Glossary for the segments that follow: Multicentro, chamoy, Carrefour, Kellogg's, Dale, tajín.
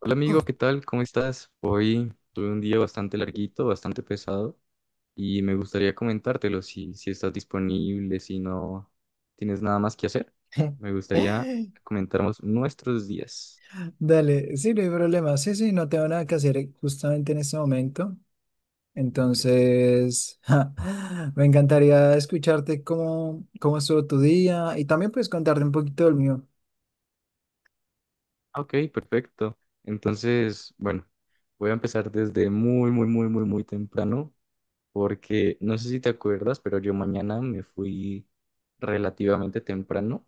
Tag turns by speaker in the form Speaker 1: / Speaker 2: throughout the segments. Speaker 1: Hola amigo, ¿qué tal? ¿Cómo estás? Hoy tuve un día bastante larguito, bastante pesado y me gustaría comentártelo si estás disponible, si no tienes nada más que hacer. Me gustaría comentarnos nuestros días.
Speaker 2: Dale, sí, no hay problema. Sí, sí, no tengo nada que hacer justamente en este momento.
Speaker 1: Y
Speaker 2: Entonces, me encantaría escucharte cómo estuvo tu día y también puedes contarte un poquito del mío.
Speaker 1: "Ah, ok, perfecto. Entonces, bueno, voy a empezar desde muy, muy, muy, muy, muy temprano porque no sé si te acuerdas, pero yo mañana me fui relativamente temprano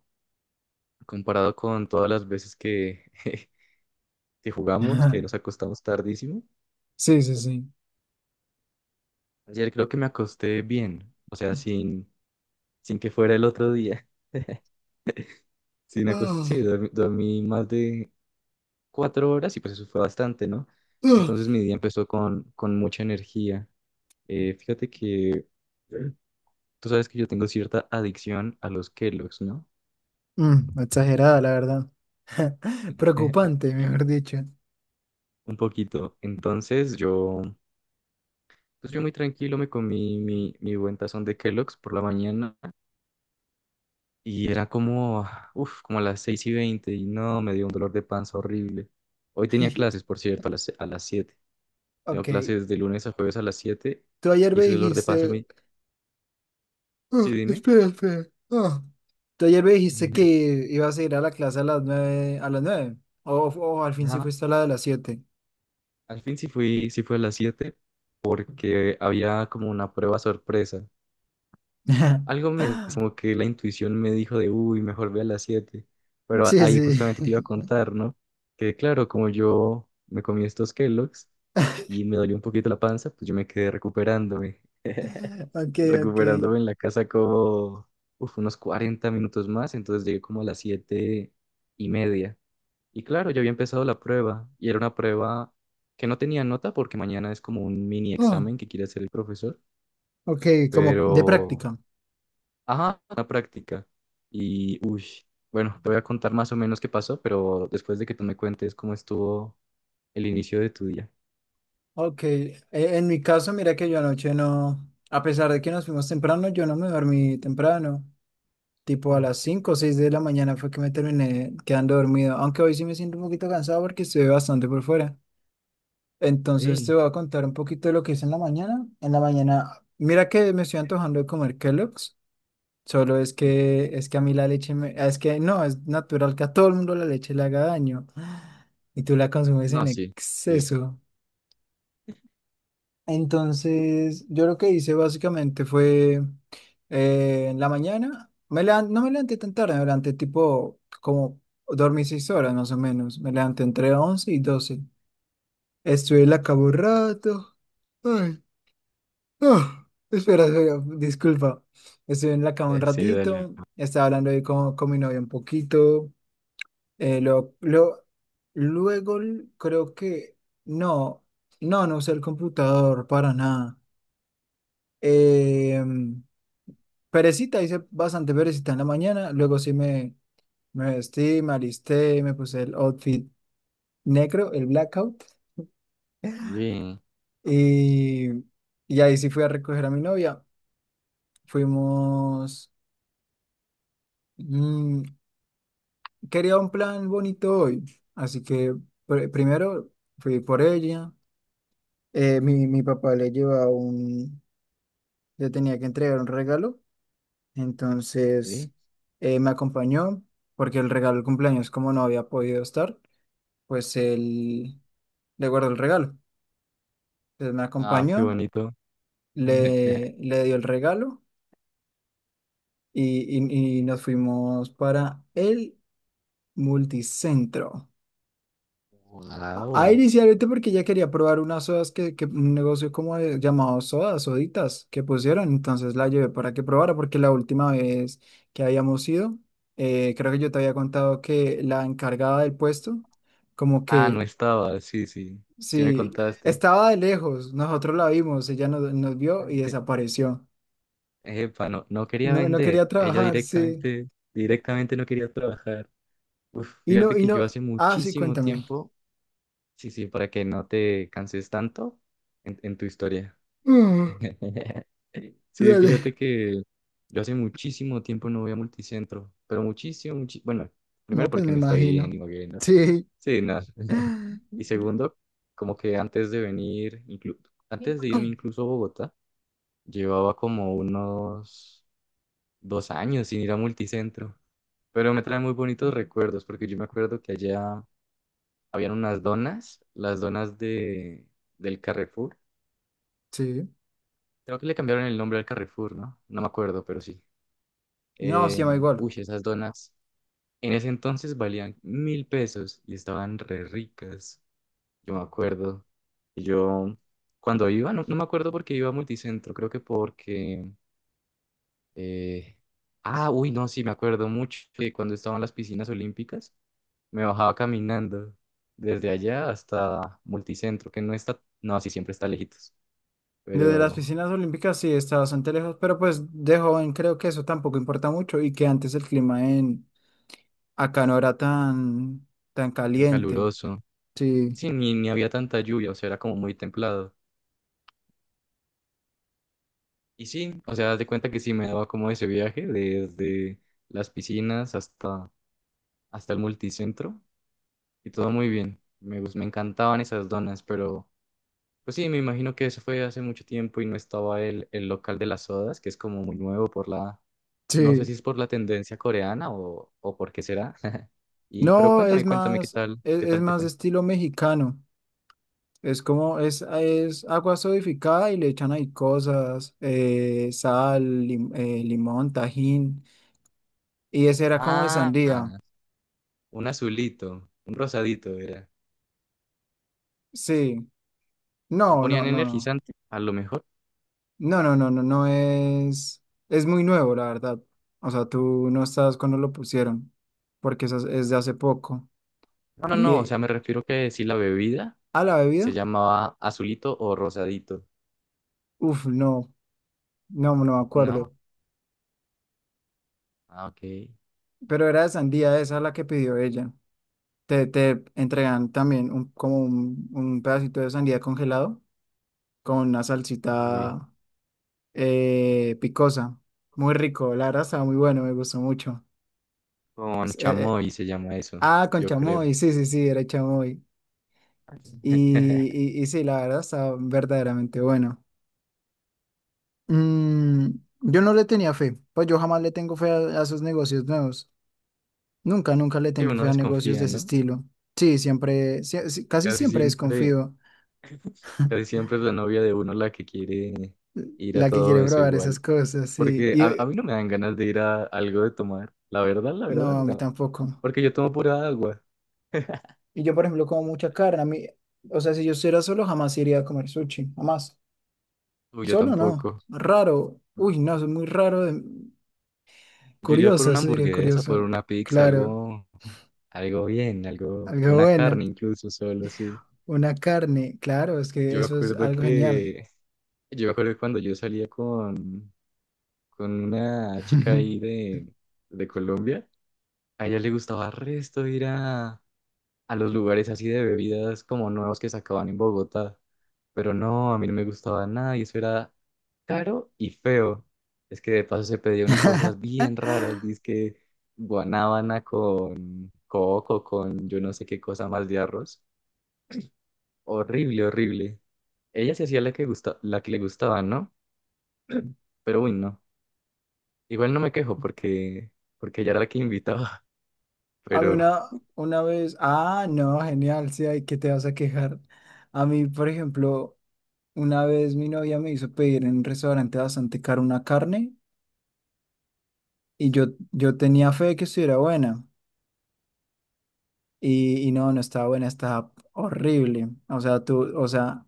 Speaker 1: comparado con todas las veces que... Si jugamos, que nos acostamos tardísimo.
Speaker 2: Sí, sí, sí.
Speaker 1: Ayer creo que me acosté bien, o sea, sin que fuera el otro día. Sin acost- Sí,
Speaker 2: Ah,
Speaker 1: dormí más de 4 horas y pues eso fue bastante, ¿no? Entonces
Speaker 2: ah.
Speaker 1: mi día empezó con mucha energía. Fíjate que tú sabes que yo tengo cierta adicción a los Kellogg's, ¿no?
Speaker 2: Mm, exagerada, la verdad. Preocupante, mejor dicho.
Speaker 1: Un poquito. Entonces yo, pues yo muy tranquilo me comí mi buen tazón de Kellogg's por la mañana. Y era como, uff, como a las 6:20 y no, me dio un dolor de panza horrible. Hoy tenía clases, por cierto, a las siete. Tengo
Speaker 2: Ok,
Speaker 1: clases de lunes a jueves a las 7
Speaker 2: tú ayer
Speaker 1: y
Speaker 2: me
Speaker 1: ese dolor de panza
Speaker 2: dijiste.
Speaker 1: me... Sí, dime.
Speaker 2: Espera. Tú ayer me dijiste que ibas a ir a la clase a las nueve, a las nueve. O al fin sí
Speaker 1: Ajá.
Speaker 2: fuiste a la de las siete.
Speaker 1: Al fin sí fui, sí fue a las 7 porque había como una prueba sorpresa. Algo me, como que la intuición me dijo de, uy, mejor ve a las 7.
Speaker 2: Sí,
Speaker 1: Ahí
Speaker 2: sí.
Speaker 1: justamente te iba a contar, ¿no? Que claro, como yo me comí estos Kellogg's y me dolió un poquito la panza, pues yo me quedé recuperándome.
Speaker 2: Ok, ok.
Speaker 1: Recuperándome en la casa como, uf, unos 40 minutos más. Entonces llegué como a las 7:30. Y claro, yo había empezado la prueba y era una prueba que no tenía nota porque mañana es como un mini
Speaker 2: Ah,
Speaker 1: examen que quiere hacer el profesor. Ok.
Speaker 2: ok, como de
Speaker 1: Pero
Speaker 2: práctica.
Speaker 1: ajá, la práctica. Y, uy, bueno, te voy a contar más o menos qué pasó, pero después de que tú me cuentes cómo estuvo el inicio de tu día.
Speaker 2: Ok, en mi caso, mira que yo anoche no, a pesar de que nos fuimos temprano, yo no me dormí temprano. Tipo a las
Speaker 1: Mm.
Speaker 2: 5 o 6 de la mañana fue que me terminé quedando dormido. Aunque hoy sí me siento un poquito cansado porque estuve bastante por fuera. Entonces te
Speaker 1: Sí.
Speaker 2: voy a contar un poquito de lo que hice en la mañana. En la mañana, mira que me estoy antojando de comer Kellogg's. Solo es que a mí la leche me, es que no, es natural que a todo el mundo la leche le haga daño. Y tú la consumes
Speaker 1: No,
Speaker 2: en
Speaker 1: sí, sí.
Speaker 2: exceso. Entonces, yo lo que hice básicamente fue en la mañana, no me levanté tan tarde, me levanté tipo como dormí seis horas más o menos. Me levanté entre 11 y doce. Estuve en la cama un rato. Espera, disculpa. Estuve en la cama un
Speaker 1: Sí, dale.
Speaker 2: ratito, estaba hablando ahí con mi novia un poquito. eh, lo, lo- creo que no, no, no usé el computador para nada. Eh, perecita, hice bastante perecita en la mañana. Luego sí me vestí, me alisté, me puse el outfit negro, el blackout.
Speaker 1: Bien.
Speaker 2: Y, y ahí sí fui a recoger a mi novia. Fuimos. mm, quería un plan bonito hoy, así que primero fui por ella. Mi papá le llevaba un, le tenía que entregar un regalo,
Speaker 1: Sí.
Speaker 2: entonces me acompañó porque el regalo del cumpleaños, como no había podido estar, pues él le guardó el regalo. Entonces me
Speaker 1: Ah, qué
Speaker 2: acompañó,
Speaker 1: bonito.
Speaker 2: le dio el regalo y, y nos fuimos para el multicentro.
Speaker 1: Wow.
Speaker 2: Inicialmente porque ella quería probar unas sodas que un negocio como llamado sodas, soditas, que pusieron, entonces la llevé para que probara, porque la última vez que habíamos ido, creo que yo te había contado que la encargada del puesto, como
Speaker 1: Ah,
Speaker 2: que
Speaker 1: no estaba. Sí, sí. Sí me
Speaker 2: sí,
Speaker 1: contaste.
Speaker 2: estaba de lejos, nosotros la vimos, ella nos, nos vio y desapareció.
Speaker 1: Epa, no, no quería
Speaker 2: No, no
Speaker 1: vender.
Speaker 2: quería
Speaker 1: Ella
Speaker 2: trabajar, sí.
Speaker 1: directamente, directamente no quería trabajar. Uf, fíjate
Speaker 2: Y
Speaker 1: que
Speaker 2: no,
Speaker 1: yo hace
Speaker 2: ah, sí,
Speaker 1: muchísimo
Speaker 2: cuéntame.
Speaker 1: tiempo. Sí, sí, para que no te canses tanto en tu historia.
Speaker 2: Mm,
Speaker 1: Sí,
Speaker 2: dale.
Speaker 1: fíjate que yo hace muchísimo tiempo no voy a multicentro, pero muchísimo, muchi- bueno, primero
Speaker 2: No, pues
Speaker 1: porque
Speaker 2: me
Speaker 1: no estoy en
Speaker 2: imagino.
Speaker 1: Imogen, ¿no?
Speaker 2: Sí.
Speaker 1: Sí, no. Y segundo, como que antes de venir, antes de irme incluso a Bogotá, llevaba como unos 2 años sin ir a multicentro, pero me trae muy bonitos recuerdos porque yo me acuerdo que allá habían unas donas, las donas del Carrefour.
Speaker 2: Sí.
Speaker 1: Creo que le cambiaron el nombre al Carrefour, ¿no? No me acuerdo, pero sí.
Speaker 2: No, se llama igual.
Speaker 1: Uy, esas donas. En ese entonces valían 1000 pesos y estaban re ricas. Yo me acuerdo. Y yo, cuando iba, no, no me acuerdo porque iba a Multicentro, creo que porque... eh, ah, uy, no, sí, me acuerdo mucho que cuando estaban las piscinas olímpicas, me bajaba caminando desde allá hasta Multicentro, que no está... No, sí, siempre está lejitos,
Speaker 2: Desde las
Speaker 1: pero
Speaker 2: piscinas olímpicas sí está bastante lejos, pero pues de joven creo que eso tampoco importa mucho y que antes el clima en acá no era tan
Speaker 1: en
Speaker 2: caliente.
Speaker 1: caluroso.
Speaker 2: Sí,
Speaker 1: Sí, ni, ni había tanta lluvia, o sea, era como muy templado. Y sí, o sea, haz de cuenta que sí me daba como ese viaje desde las piscinas hasta, hasta el multicentro y todo muy bien. Me encantaban esas donas, pero pues sí, me imagino que eso fue hace mucho tiempo y no estaba el local de las sodas, que es como muy nuevo no sé
Speaker 2: sí.
Speaker 1: si es por la tendencia coreana o por qué será. Y, pero
Speaker 2: No,
Speaker 1: cuéntame,
Speaker 2: es
Speaker 1: cuéntame
Speaker 2: más, es,
Speaker 1: qué
Speaker 2: es
Speaker 1: tal te
Speaker 2: más de
Speaker 1: fue.
Speaker 2: estilo mexicano. Es como, es agua sodificada y le echan ahí cosas, sal, limón, tajín. Y ese era como de
Speaker 1: Ah,
Speaker 2: sandía.
Speaker 1: un azulito, un rosadito era.
Speaker 2: Sí.
Speaker 1: Le
Speaker 2: No,
Speaker 1: ponían
Speaker 2: no, no, no.
Speaker 1: energizante, a lo mejor.
Speaker 2: No, no, no, no, no es, es muy nuevo, la verdad. O sea, tú no estás cuando lo pusieron, porque eso es de hace poco.
Speaker 1: No, no,
Speaker 2: Y
Speaker 1: no, o sea,
Speaker 2: eh,
Speaker 1: me refiero que si la bebida
Speaker 2: a la
Speaker 1: se
Speaker 2: bebida,
Speaker 1: llamaba azulito o rosadito,
Speaker 2: no, no, no me
Speaker 1: ¿no?
Speaker 2: acuerdo.
Speaker 1: Ah, ok.
Speaker 2: Pero era de sandía, esa la que pidió ella. Te entregan también un, como un pedacito de sandía congelado con una
Speaker 1: Uy,
Speaker 2: salsita picosa. Muy rico, la verdad estaba muy bueno, me gustó mucho.
Speaker 1: con
Speaker 2: S- eh, eh,
Speaker 1: chamoy se llama eso,
Speaker 2: con
Speaker 1: yo creo.
Speaker 2: chamoy, sí, sí, sí, era chamoy. Y, y sí, la verdad está verdaderamente bueno. Mm, yo no le tenía fe, pues yo jamás le tengo fe a esos negocios nuevos. Nunca, nunca le
Speaker 1: Sí,
Speaker 2: tengo
Speaker 1: uno
Speaker 2: fe a negocios
Speaker 1: desconfía,
Speaker 2: de ese
Speaker 1: ¿no?
Speaker 2: estilo. Sí, sí, casi
Speaker 1: Casi
Speaker 2: siempre
Speaker 1: siempre,
Speaker 2: desconfío.
Speaker 1: casi siempre es la novia de uno la que quiere ir a
Speaker 2: La que
Speaker 1: todo
Speaker 2: quiere
Speaker 1: eso
Speaker 2: probar esas
Speaker 1: igual.
Speaker 2: cosas, sí.
Speaker 1: Porque a mí no me dan ganas de ir a algo de tomar. La
Speaker 2: No,
Speaker 1: verdad,
Speaker 2: a mí
Speaker 1: no.
Speaker 2: tampoco.
Speaker 1: Porque yo tomo pura agua.
Speaker 2: Y yo, por ejemplo, como mucha carne, a mí, o sea, si yo estuviera solo, jamás iría a comer sushi, jamás.
Speaker 1: Uy, yo
Speaker 2: Solo no,
Speaker 1: tampoco.
Speaker 2: raro. Uy, no, es muy raro.
Speaker 1: Yo iría por
Speaker 2: Curioso,
Speaker 1: una
Speaker 2: eso sería
Speaker 1: hamburguesa, por
Speaker 2: curioso.
Speaker 1: una pizza,
Speaker 2: Claro.
Speaker 1: algo, algo bien, algo,
Speaker 2: Algo
Speaker 1: una
Speaker 2: bueno,
Speaker 1: carne incluso solo, sí.
Speaker 2: una carne, claro, es que
Speaker 1: Yo me
Speaker 2: eso es
Speaker 1: acuerdo
Speaker 2: algo genial.
Speaker 1: que, yo me acuerdo cuando yo salía con una chica ahí de Colombia, a ella le gustaba resto ir a los lugares así de bebidas como nuevos que sacaban en Bogotá. Pero no, a mí no me gustaba nada y eso era caro y feo. Es que de paso se pedía unas cosas bien raras, dizque guanábana con coco, con yo no sé qué cosa más de arroz. Horrible, horrible. Ella se hacía la que gusta, la que le gustaba, ¿no? Pero uy, no. Igual no me quejo porque, porque ella era la que invitaba,
Speaker 2: A mí
Speaker 1: pero
Speaker 2: una, una vez, ah, no, genial, sí, hay que te vas a quejar. A mí, por ejemplo, una vez mi novia me hizo pedir en un restaurante bastante caro una carne y yo tenía fe de que estuviera buena y no, no estaba buena, estaba horrible. O sea, tú, o sea,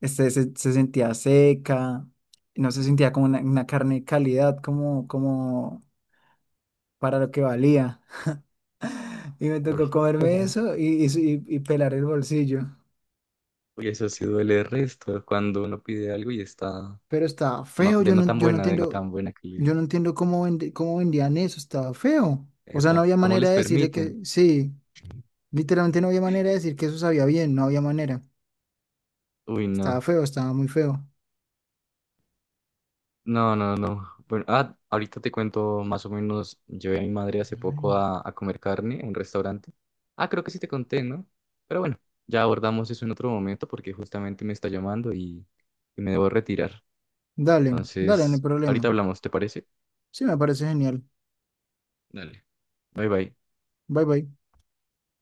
Speaker 2: se, se sentía seca, no se sentía como una carne de calidad, como, como para lo que valía. Y me tocó
Speaker 1: uy,
Speaker 2: comerme eso y, y pelar el bolsillo.
Speaker 1: uy, eso sí duele el resto cuando uno pide algo y está...
Speaker 2: Pero estaba
Speaker 1: No,
Speaker 2: feo,
Speaker 1: de
Speaker 2: yo
Speaker 1: no
Speaker 2: no,
Speaker 1: tan buena, de no tan buena calidad.
Speaker 2: yo no entiendo cómo, cómo vendían eso, estaba feo. O sea, no
Speaker 1: Epa,
Speaker 2: había
Speaker 1: ¿cómo les
Speaker 2: manera de decirle
Speaker 1: permiten?
Speaker 2: que sí, literalmente no había manera de decir que eso sabía bien, no había manera.
Speaker 1: Uy,
Speaker 2: Estaba
Speaker 1: no.
Speaker 2: feo, estaba muy feo.
Speaker 1: No, no, no. Bueno, ah, ahorita te cuento más o menos. Llevé a mi madre hace poco
Speaker 2: Ay.
Speaker 1: a comer carne en un restaurante. Ah, creo que sí te conté, ¿no? Pero bueno, ya abordamos eso en otro momento porque justamente me está llamando y me debo retirar.
Speaker 2: Dale, dale, no hay
Speaker 1: Entonces, ahorita
Speaker 2: problema.
Speaker 1: hablamos, ¿te parece?
Speaker 2: Sí, me parece genial.
Speaker 1: Dale. Bye, bye.
Speaker 2: Bye bye.